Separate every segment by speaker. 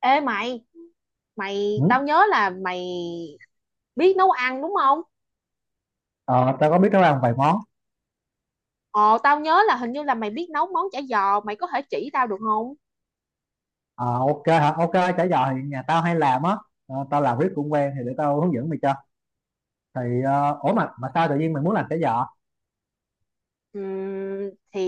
Speaker 1: Ê mày,
Speaker 2: Ừ.
Speaker 1: tao nhớ là mày biết nấu ăn đúng không?
Speaker 2: Ờ, Tao có biết nấu ăn vài món.
Speaker 1: Ồ, tao nhớ là hình như là mày biết nấu món chả giò, mày có thể chỉ tao được không?
Speaker 2: Ờ, ok hả, ok. Chả giò thì nhà tao hay làm á. Tao làm riết cũng quen, thì để tao hướng dẫn mày cho. Thì ủa, mà sao tự nhiên mày muốn làm chả giò?
Speaker 1: Thì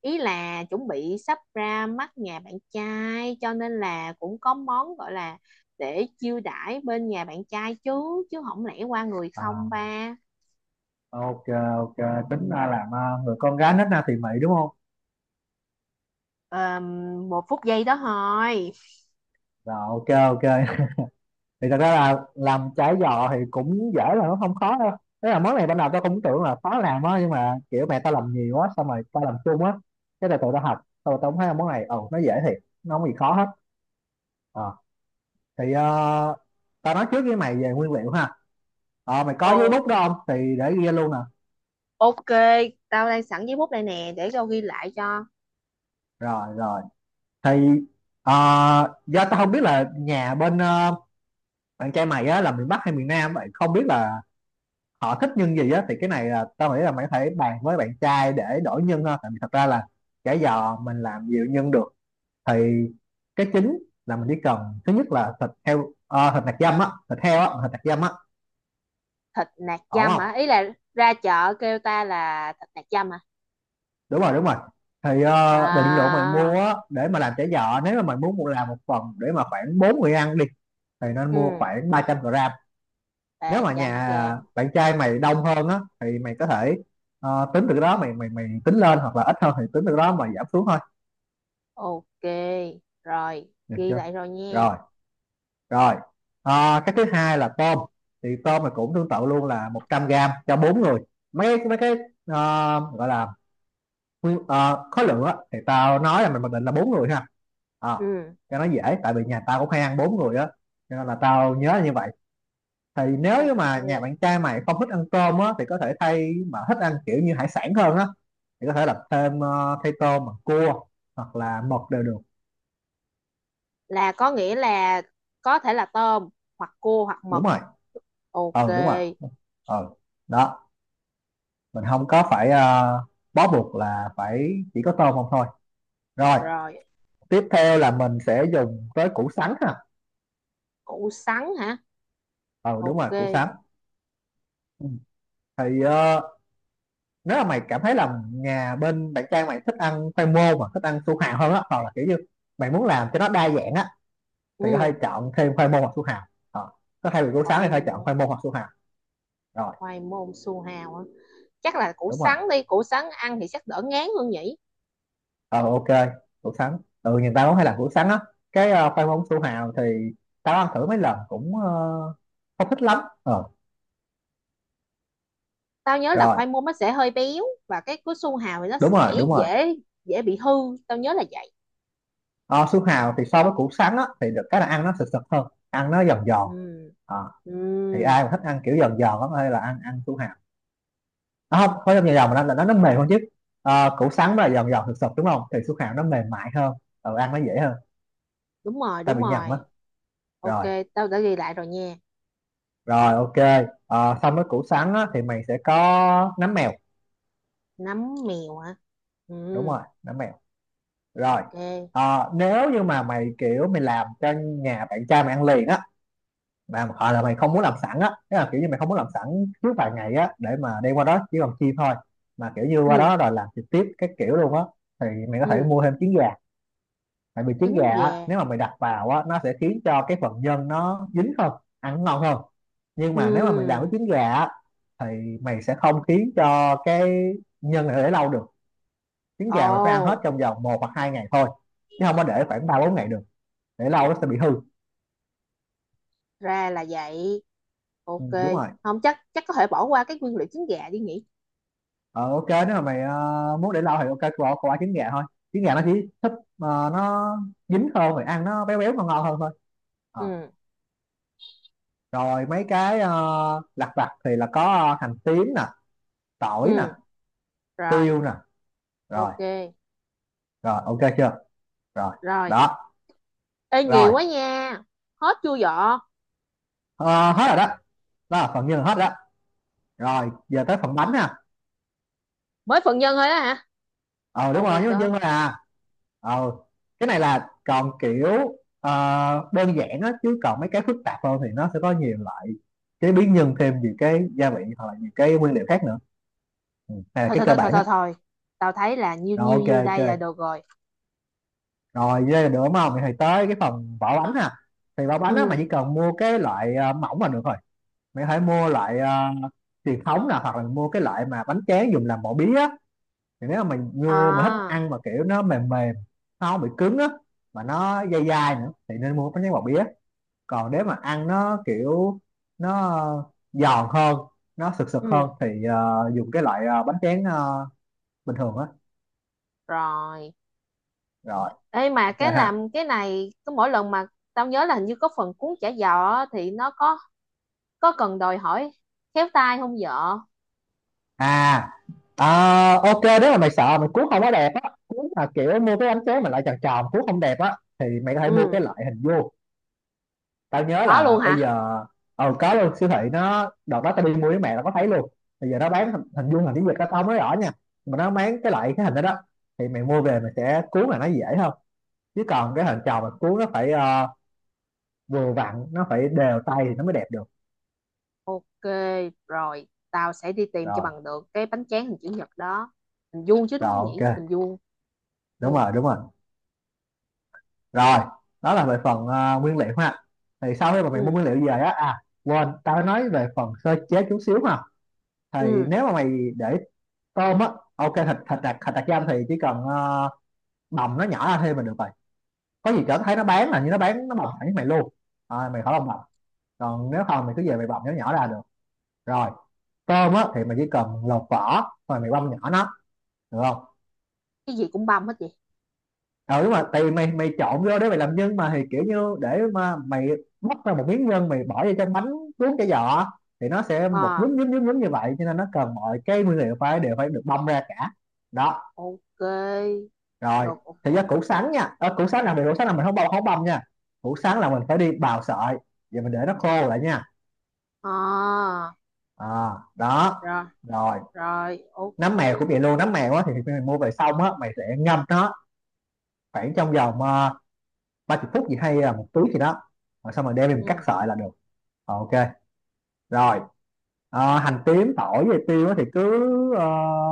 Speaker 1: ý là chuẩn bị sắp ra mắt nhà bạn trai cho nên là cũng có món gọi là để chiêu đãi bên nhà bạn trai chứ chứ không lẽ qua người không
Speaker 2: À,
Speaker 1: ba.
Speaker 2: ok, ok. Tính ra làm người con gái nết na thì mị đúng không?
Speaker 1: Ờm, Một phút giây đó thôi.
Speaker 2: Rồi, ok, ok. Thì thật ra là làm chả giò thì cũng dễ, là nó không khó đâu. Tức là món này ban đầu tao cũng tưởng là khó làm á, nhưng mà kiểu mẹ tao làm nhiều quá, xong rồi tao làm chung á. Cái là tụi tao học, xong tao cũng thấy là món này, ừ, nó dễ thiệt. Nó không gì khó hết. Ờ, thì tao nói trước với mày về nguyên liệu ha. Mày có giấy
Speaker 1: Ồ,
Speaker 2: bút đó không, thì để ghi luôn nè.
Speaker 1: ok, tao đang sẵn giấy bút đây nè để tao ghi lại cho.
Speaker 2: Rồi, rồi. Thì ờ, do tao không biết là nhà bên bạn trai mày á là miền Bắc hay miền Nam, vậy không biết là họ thích nhân gì á, thì cái này là tao nghĩ là mày có thể bàn với bạn trai để đổi nhân ha, tại vì thật ra là chả giò mình làm nhiều nhân được. Thì cái chính là mình chỉ cần, thứ nhất là thịt heo, thịt nạc dăm á, thịt heo á, thịt nạc dăm á.
Speaker 1: Thịt nạc
Speaker 2: Ổn
Speaker 1: dăm
Speaker 2: không?
Speaker 1: hả? Ý là ra chợ kêu ta là thịt nạc dăm hả?
Speaker 2: Đúng rồi, đúng rồi. Thì định lượng mày mua
Speaker 1: À,
Speaker 2: á để mà làm chả giò, nếu mà mày muốn mua làm một phần để mà khoảng bốn người ăn đi, thì nên
Speaker 1: ừ,
Speaker 2: mua khoảng 300 gram. Nếu mà
Speaker 1: 300
Speaker 2: nhà
Speaker 1: gram.
Speaker 2: bạn trai mày đông hơn á thì mày có thể tính từ cái đó mày mày mày tính lên, hoặc là ít hơn thì tính từ cái đó mày giảm xuống thôi.
Speaker 1: Ok, rồi
Speaker 2: Được
Speaker 1: ghi
Speaker 2: chưa?
Speaker 1: lại rồi nha.
Speaker 2: Rồi, rồi. Cái thứ hai là tôm. Thì tôm mày cũng tương tự luôn, là 100 gram cho bốn người. Mấy cái ờ, gọi là khối lượng á, thì tao nói là mình định là bốn người ha. À,
Speaker 1: Ừ,
Speaker 2: cho nó dễ, tại vì nhà tao cũng hay ăn bốn người á, cho nên là tao nhớ như vậy. Thì nếu như mà nhà
Speaker 1: ok.
Speaker 2: bạn trai mày không thích ăn tôm á, thì có thể thay, mà thích ăn kiểu như hải sản hơn á, thì có thể làm thêm, thay tôm bằng cua hoặc là mực đều được.
Speaker 1: Là có nghĩa là có thể là tôm hoặc cua hoặc mực.
Speaker 2: Đúng rồi.
Speaker 1: Ok,
Speaker 2: Ừ, đúng rồi. Ừ. Đó, mình không có phải bó buộc là phải chỉ có tôm không thôi. Rồi.
Speaker 1: rồi.
Speaker 2: Tiếp theo là mình sẽ dùng tới củ sắn ha.
Speaker 1: Củ sắn hả?
Speaker 2: Ừ, đúng
Speaker 1: Ok.
Speaker 2: rồi, củ sắn. Ừ. Thì nếu mà mày cảm thấy là nhà bên bạn trai mày thích ăn khoai môn, mà thích ăn su hào hơn á, hoặc là kiểu như mày muốn làm cho nó đa dạng á, thì có thể
Speaker 1: Ừ.
Speaker 2: chọn thêm khoai môn hoặc su hào. Ờ, có thay vì củ sắn
Speaker 1: Khoai
Speaker 2: thì có thể chọn
Speaker 1: môn.
Speaker 2: khoai môn hoặc su hào. Rồi,
Speaker 1: Khoai môn su hào hả? Chắc là củ
Speaker 2: đúng rồi.
Speaker 1: sắn đi, củ sắn ăn thì chắc đỡ ngán hơn nhỉ.
Speaker 2: Ờ ok, củ sắn, ừ, nhìn tao cũng hay làm củ sắn á. Cái khoai môn, su hào thì tao ăn thử mấy lần cũng không thích lắm. ờ
Speaker 1: Tao nhớ là
Speaker 2: Rồi,
Speaker 1: khoai môn nó sẽ hơi béo và cái su hào thì nó
Speaker 2: đúng rồi,
Speaker 1: sẽ
Speaker 2: đúng rồi.
Speaker 1: dễ dễ bị hư. Tao nhớ là vậy.
Speaker 2: Ờ, Su hào thì so với củ sắn á thì được cái là ăn nó sực sực hơn, ăn nó giòn giòn.
Speaker 1: Ừ,
Speaker 2: Ờ,
Speaker 1: ừ
Speaker 2: thì ai mà thích ăn kiểu giòn giòn lắm, hay là ăn ăn su hào. Nó không khối dòng dài dòng, mà nó là nó mềm hơn chứ. Củ sắn mà giòn giòn thực sụp đúng không, thì su hào nó mềm mại hơn. Ừ, ăn nó dễ hơn.
Speaker 1: đúng rồi,
Speaker 2: Ta
Speaker 1: đúng
Speaker 2: bị nhầm
Speaker 1: rồi.
Speaker 2: á.
Speaker 1: Ok,
Speaker 2: Rồi,
Speaker 1: tao đã ghi lại rồi nha.
Speaker 2: rồi, ok. Ờ, Xong với củ sắn á, thì mày sẽ có nấm mèo.
Speaker 1: Nấm mèo hả? Ừ,
Speaker 2: Đúng rồi, nấm mèo. Rồi.
Speaker 1: ok.
Speaker 2: Nếu như mà mày kiểu mày làm cho nhà bạn trai mày ăn liền á, mà hoặc là mày không muốn làm sẵn á, tức là kiểu như mày không muốn làm sẵn trước vài ngày á để mà đem qua đó chỉ còn chiên thôi, mà kiểu như qua
Speaker 1: Ừ,
Speaker 2: đó rồi làm trực tiếp cái kiểu luôn á, thì mày có thể
Speaker 1: ừ.
Speaker 2: mua thêm trứng gà. Tại vì trứng
Speaker 1: Trứng
Speaker 2: gà á,
Speaker 1: gà.
Speaker 2: nếu mà mày đặt vào á nó sẽ khiến cho cái phần nhân nó dính hơn, ăn ngon hơn. Nhưng
Speaker 1: Ừ.
Speaker 2: mà nếu mà mình làm với trứng gà á, thì mày sẽ không khiến cho cái nhân này để lâu được. Trứng gà mày phải ăn hết
Speaker 1: Ồ,
Speaker 2: trong vòng một hoặc hai ngày thôi, chứ không có để khoảng ba bốn ngày được. Để lâu nó sẽ bị hư.
Speaker 1: ra là vậy.
Speaker 2: Ừ,
Speaker 1: Ok,
Speaker 2: đúng rồi.
Speaker 1: không chắc chắc có thể bỏ qua cái nguyên liệu trứng gà đi nhỉ.
Speaker 2: Ờ, ok, nếu mà mày muốn để lâu thì ok, cô bỏ trứng gà thôi. Trứng gà nó chỉ thích nó dính hơn, rồi ăn nó béo béo ngon ngon hơn thôi. Ờ,
Speaker 1: Ừ,
Speaker 2: Rồi mấy cái lặt vặt thì là có hành tím nè,
Speaker 1: ừ,
Speaker 2: tỏi nè,
Speaker 1: rồi.
Speaker 2: tiêu nè. Rồi,
Speaker 1: Ok,
Speaker 2: rồi, ok chưa? Rồi.
Speaker 1: rồi.
Speaker 2: Đó.
Speaker 1: Ê,
Speaker 2: Rồi
Speaker 1: nhiều quá nha. Hết chưa vợ?
Speaker 2: Ờ, Hết rồi đó. Đó là phần nhân hết đó. Rồi giờ tới phần bánh nè.
Speaker 1: Mới phần nhân thôi đó hả?
Speaker 2: Ờ Đúng
Speaker 1: Oh my
Speaker 2: rồi, với nhân
Speaker 1: god.
Speaker 2: thôi à. ờ cái này là còn kiểu đơn giản á, chứ còn mấy cái phức tạp hơn thì nó sẽ có nhiều loại chế biến nhân, thêm nhiều cái gia vị hoặc là nhiều cái nguyên liệu khác nữa. Ừ. Này là
Speaker 1: Thôi
Speaker 2: cái
Speaker 1: thôi
Speaker 2: cơ
Speaker 1: thôi thôi
Speaker 2: bản á.
Speaker 1: thôi thôi, tao thấy là nhiêu
Speaker 2: Rồi,
Speaker 1: nhiêu
Speaker 2: ok,
Speaker 1: nhiêu đây là
Speaker 2: ok.
Speaker 1: được rồi.
Speaker 2: Rồi đây là được đúng không, thì tới cái phần vỏ bánh nè. Thì vỏ bánh á mà
Speaker 1: Ừ.
Speaker 2: chỉ cần mua cái loại mỏng là được rồi. Mày hãy mua loại truyền thống nè, hoặc là mua cái loại mà bánh tráng dùng làm mổ bía á. Thì nếu mà mình mua mà thích
Speaker 1: À,
Speaker 2: ăn mà kiểu nó mềm mềm, nó không bị cứng á, mà nó dai dai nữa thì nên mua bánh tráng bò bía. Còn nếu mà ăn nó kiểu nó giòn hơn, nó sực sực
Speaker 1: ừ,
Speaker 2: hơn, thì dùng cái loại bánh tráng bình thường á.
Speaker 1: rồi.
Speaker 2: Rồi,
Speaker 1: Ê, mà
Speaker 2: ok
Speaker 1: cái
Speaker 2: ha.
Speaker 1: làm cái này cứ mỗi lần mà tao nhớ là hình như có phần cuốn chả giò á, thì nó có cần đòi hỏi khéo tay không vợ?
Speaker 2: À, ờ, ok, nếu mà mày sợ mày cuốn không có đẹp á, cuốn mà kiểu mua cái bánh tráng mà lại tròn tròn cuốn không đẹp á, thì mày có thể mua
Speaker 1: Ừ,
Speaker 2: cái loại hình vuông. Tao nhớ
Speaker 1: có luôn
Speaker 2: là bây
Speaker 1: hả?
Speaker 2: giờ có luôn, siêu thị nó đợt đó tao đi mua với mẹ là có thấy luôn. Bây giờ nó bán hình vuông, hình tiếng Việt đó tao không nói rõ nha, mà nó bán cái loại cái hình đó đó. Thì mày mua về, mày sẽ cuốn là nó dễ hơn. Chứ còn cái hình tròn mà cuốn nó phải vừa vặn, nó phải đều tay thì nó mới đẹp được.
Speaker 1: Ok, rồi tao sẽ đi tìm cho
Speaker 2: Rồi,
Speaker 1: bằng được cái bánh tráng hình chữ nhật đó. Hình vuông chứ
Speaker 2: rồi,
Speaker 1: đúng không nhỉ?
Speaker 2: ok.
Speaker 1: Hình vuông.
Speaker 2: Đúng
Speaker 1: Ok.
Speaker 2: rồi, đúng rồi. Rồi. Đó là về phần nguyên liệu ha. Thì sau khi mà mày mua
Speaker 1: Ừ,
Speaker 2: nguyên liệu về á, à quên, tao nói về phần sơ chế chút xíu ha. Thì
Speaker 1: ừ.
Speaker 2: nếu mà mày để tôm á, ok, thịt thịt đặc, thịt đặc giam thì chỉ cần đồng nó nhỏ ra thêm là được rồi. Có gì trở thấy nó bán là như nó bán nó bọc thẳng với mày luôn. À, mày khỏi lòng bọc. Còn nếu không mày cứ về mày bọc nó nhỏ ra được. Rồi. Tôm á thì mày chỉ cần lột vỏ rồi mày băm nhỏ nó. Được không?
Speaker 1: Cái gì cũng băm hết vậy?
Speaker 2: Ừ, đúng rồi, tại vì mày mày trộn vô để mày làm nhân mà, thì kiểu như để mà mày bóc ra một miếng nhân, mày bỏ vô trong bánh cuốn cái giò, thì nó sẽ một
Speaker 1: Ờ,
Speaker 2: nhúm nhúm nhúm nhúm như vậy, cho nên nó cần mọi cái nguyên liệu phải đều phải được băm ra cả. Đó.
Speaker 1: ok,
Speaker 2: Rồi.
Speaker 1: được.
Speaker 2: Thì ra củ sắn nha, à, củ sắn làm việc, củ sắn là mình không băm nha. Củ sắn là mình phải đi bào sợi. Vậy mình để nó khô lại nha.
Speaker 1: À,
Speaker 2: À, đó.
Speaker 1: rồi
Speaker 2: Rồi.
Speaker 1: rồi. Ok.
Speaker 2: Nấm mèo cũng vậy luôn, nấm mèo á thì khi mình mua về xong á, mày sẽ ngâm nó khoảng trong vòng 30 phút gì hay là một tiếng gì đó. Rồi xong rồi đem mình cắt
Speaker 1: Ừ,
Speaker 2: sợi là được. Ok, rồi. Hành tím, tỏi với tiêu á thì cứ ờ,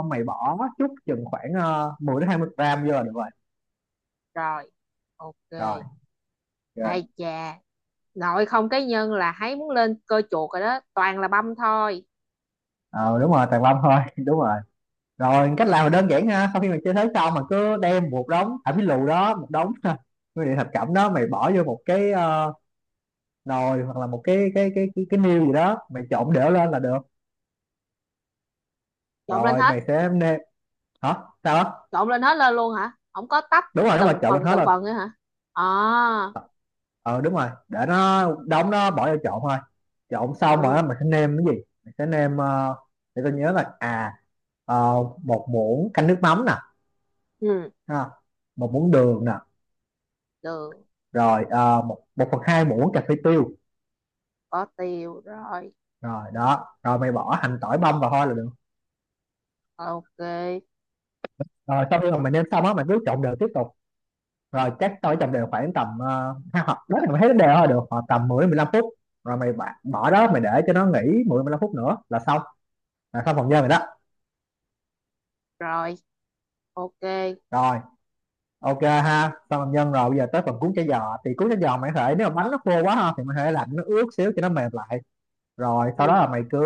Speaker 2: mày bỏ chút chừng khoảng 10 đến 20 gram vô là được rồi.
Speaker 1: rồi. Ok.
Speaker 2: Rồi, ok.
Speaker 1: Ai chà, nội không cái nhân là thấy muốn lên cơ chuột rồi đó, toàn là băm thôi.
Speaker 2: Ờ Đúng rồi, tàn lâm thôi đúng rồi. Rồi cách làm là đơn giản ha, sau khi mà chơi thế xong mà cứ đem một đống thảm phím lù đó, một đống nguyên liệu thập cẩm đó mày bỏ vô một nồi hoặc là một cái niêu gì đó, mày trộn đều lên là được.
Speaker 1: Trộn lên
Speaker 2: Rồi
Speaker 1: hết.
Speaker 2: mày sẽ nêm. Hả? Sao đó?
Speaker 1: Trộn lên hết lên luôn hả? Không có tách
Speaker 2: Đúng rồi, nếu mà trộn lên hết
Speaker 1: từng
Speaker 2: rồi.
Speaker 1: phần nữa hả? À,
Speaker 2: Ờ đúng rồi, để nó đóng nó bỏ vô trộn thôi. Trộn xong rồi á,
Speaker 1: ừ.
Speaker 2: mày sẽ nêm cái gì? Mày sẽ nêm, để tôi nhớ là à ờ, một muỗng canh nước mắm nè,
Speaker 1: Ừ,
Speaker 2: ha. Một muỗng đường nè,
Speaker 1: được.
Speaker 2: rồi một một phần hai muỗng cà phê tiêu.
Speaker 1: Có tiêu rồi.
Speaker 2: Rồi đó, rồi mày bỏ hành tỏi băm vào thôi là được.
Speaker 1: Ok.
Speaker 2: Rồi sau khi mà mình nêm xong á, mình cứ trộn đều tiếp tục. Rồi chắc tỏi trộn đều khoảng tầm hai hoặc đó là mày thấy nó đều thôi được, hoặc tầm 10 đến 15 phút. Rồi mày bỏ đó, mày để cho nó nghỉ 10 đến 15 phút nữa là xong, là xong phần nhân rồi đó.
Speaker 1: Rồi. Ok.
Speaker 2: Rồi, ok ha, xong phần nhân rồi. Bây giờ tới phần cuốn chả giò, thì cuốn chả giò mày có thể, nếu mà bánh nó khô quá ha thì mày có thể lạnh nó ướt xíu cho nó mềm lại. Rồi sau đó
Speaker 1: Ừ,
Speaker 2: là mày cứ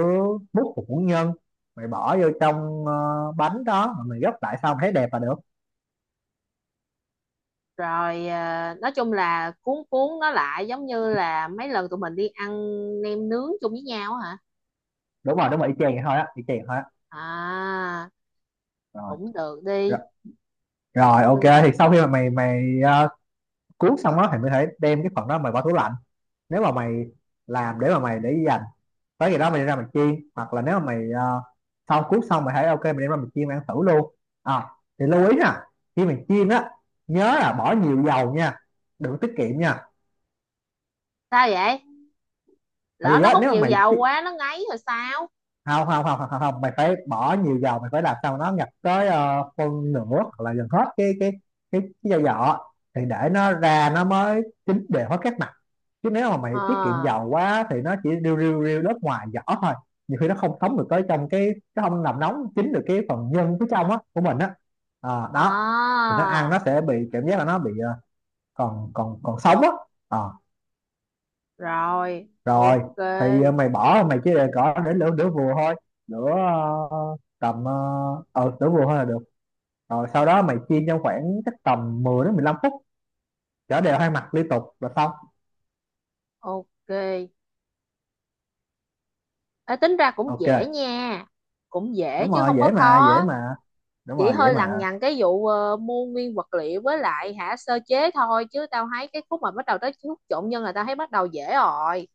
Speaker 2: múc một muỗng nhân, mày bỏ vô trong bánh đó, mà mày gấp lại xong thấy đẹp là được.
Speaker 1: rồi. À, nói chung là cuốn cuốn nó lại giống như là mấy lần tụi mình đi ăn nem nướng chung với nhau á hả?
Speaker 2: Đúng rồi đúng rồi, y chang vậy thôi á, y chang vậy thôi á.
Speaker 1: À,
Speaker 2: Rồi.
Speaker 1: cũng được
Speaker 2: Rồi.
Speaker 1: đi.
Speaker 2: Rồi,
Speaker 1: Cũng
Speaker 2: ok,
Speaker 1: đơn
Speaker 2: thì
Speaker 1: giản.
Speaker 2: sau khi mà mày mày ờ, cuốn xong đó thì mới thể đem cái phần đó mày bỏ tủ lạnh, nếu mà mày làm để mà mày để dành, tới ngày đó mày đem ra mày chiên. Hoặc là nếu mà mày, sau cuốn xong mày thấy ok, mày đem ra mày chiên mày ăn thử luôn. À, thì lưu ý nha, khi mày chiên á, nhớ là bỏ nhiều dầu nha, đừng tiết kiệm nha.
Speaker 1: Sao vậy?
Speaker 2: Tại
Speaker 1: Lỡ
Speaker 2: vì
Speaker 1: nó
Speaker 2: á,
Speaker 1: hút
Speaker 2: nếu mà
Speaker 1: nhiều dầu quá nó ngấy rồi sao?
Speaker 2: không không không không không, mày phải bỏ nhiều dầu, mày phải làm sao nó ngập tới ờ, phân nửa hoặc là gần hết cái dầu vỏ, thì để nó ra nó mới chín đều hết các mặt. Chứ nếu mà mày
Speaker 1: Ờ,
Speaker 2: tiết kiệm dầu quá thì nó chỉ riu riu riu lớp ngoài vỏ thôi, nhiều khi nó không thấm được tới trong cái, nó không làm nóng chín được cái phần nhân phía trong á của mình á. Ờ, đó,
Speaker 1: à,
Speaker 2: thì nó ăn nó sẽ bị cảm giác là nó bị còn còn còn sống á. Ờ,
Speaker 1: rồi. Ok,
Speaker 2: rồi thì mày bỏ, mày chỉ để cỏ để lửa đửa vừa thôi, lửa đửa vừa thôi là được. Rồi sau đó mày chiên trong khoảng chắc tầm 10 đến 15 phút, chở đều hai mặt liên tục là xong.
Speaker 1: ok. Ê, tính ra cũng dễ
Speaker 2: Ok,
Speaker 1: nha. Cũng dễ
Speaker 2: đúng
Speaker 1: chứ
Speaker 2: rồi,
Speaker 1: không có
Speaker 2: dễ mà dễ
Speaker 1: khó.
Speaker 2: mà, đúng
Speaker 1: Chị
Speaker 2: rồi dễ
Speaker 1: hơi lằng
Speaker 2: mà.
Speaker 1: nhằng cái vụ mua nguyên vật liệu với lại hả sơ chế thôi, chứ tao thấy cái khúc mà bắt đầu tới khúc trộn nhân là tao thấy bắt đầu dễ rồi.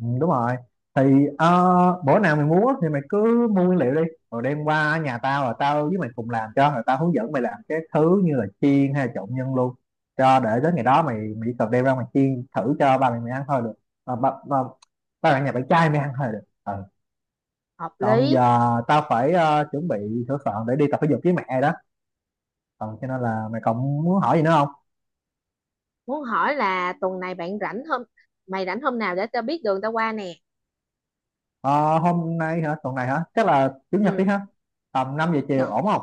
Speaker 2: Ừ, đúng rồi, thì bữa nào mày muốn á thì mày cứ mua nguyên liệu đi, rồi đem qua nhà tao, rồi tao với mày cùng làm cho, rồi tao hướng dẫn mày làm cái thứ như là chiên hay là trộn nhân luôn cho, để đến ngày đó mày mày chỉ cần đem ra mày chiên thử cho ba mày mày ăn thôi được. à, ba, ba, Ba bạn, nhà bạn trai mày ăn thôi được, ừ.
Speaker 1: Hợp
Speaker 2: Còn
Speaker 1: lý.
Speaker 2: giờ tao phải chuẩn bị sửa soạn để đi tập thể dục với mẹ đó, ừ, cho nên là mày còn muốn hỏi gì nữa không?
Speaker 1: Muốn hỏi là tuần này bạn rảnh hôm mày rảnh hôm nào để tao biết đường tao qua nè.
Speaker 2: Ờ, hôm nay hả, tuần này hả, chắc là chủ nhật đi
Speaker 1: Ừ.
Speaker 2: ha, tầm 5 giờ chiều
Speaker 1: Dạ.
Speaker 2: ổn không?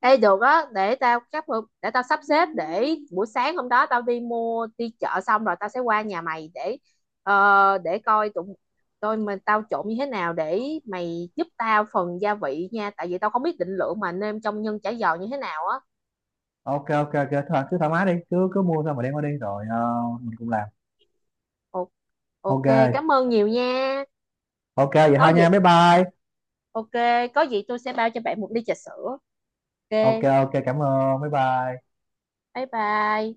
Speaker 1: Ê được á, để tao sắp xếp để buổi sáng hôm đó tao đi mua đi chợ xong rồi tao sẽ qua nhà mày để coi tụi tôi mình tao trộn như thế nào để mày giúp tao phần gia vị nha tại vì tao không biết định lượng mà nêm trong nhân chả giò như thế nào á.
Speaker 2: Ok ok ok, thôi cứ thoải mái đi, cứ cứ mua xong rồi đem qua đi, rồi mình cùng làm.
Speaker 1: Ồ, ok.
Speaker 2: Ok
Speaker 1: Cảm ơn nhiều nha.
Speaker 2: ok vậy
Speaker 1: Có
Speaker 2: thôi
Speaker 1: gì,
Speaker 2: nha, bye bye.
Speaker 1: ok, có gì tôi sẽ bao cho bạn một ly trà sữa. Ok,
Speaker 2: Ok ok cảm ơn, bye bye.
Speaker 1: bye bye.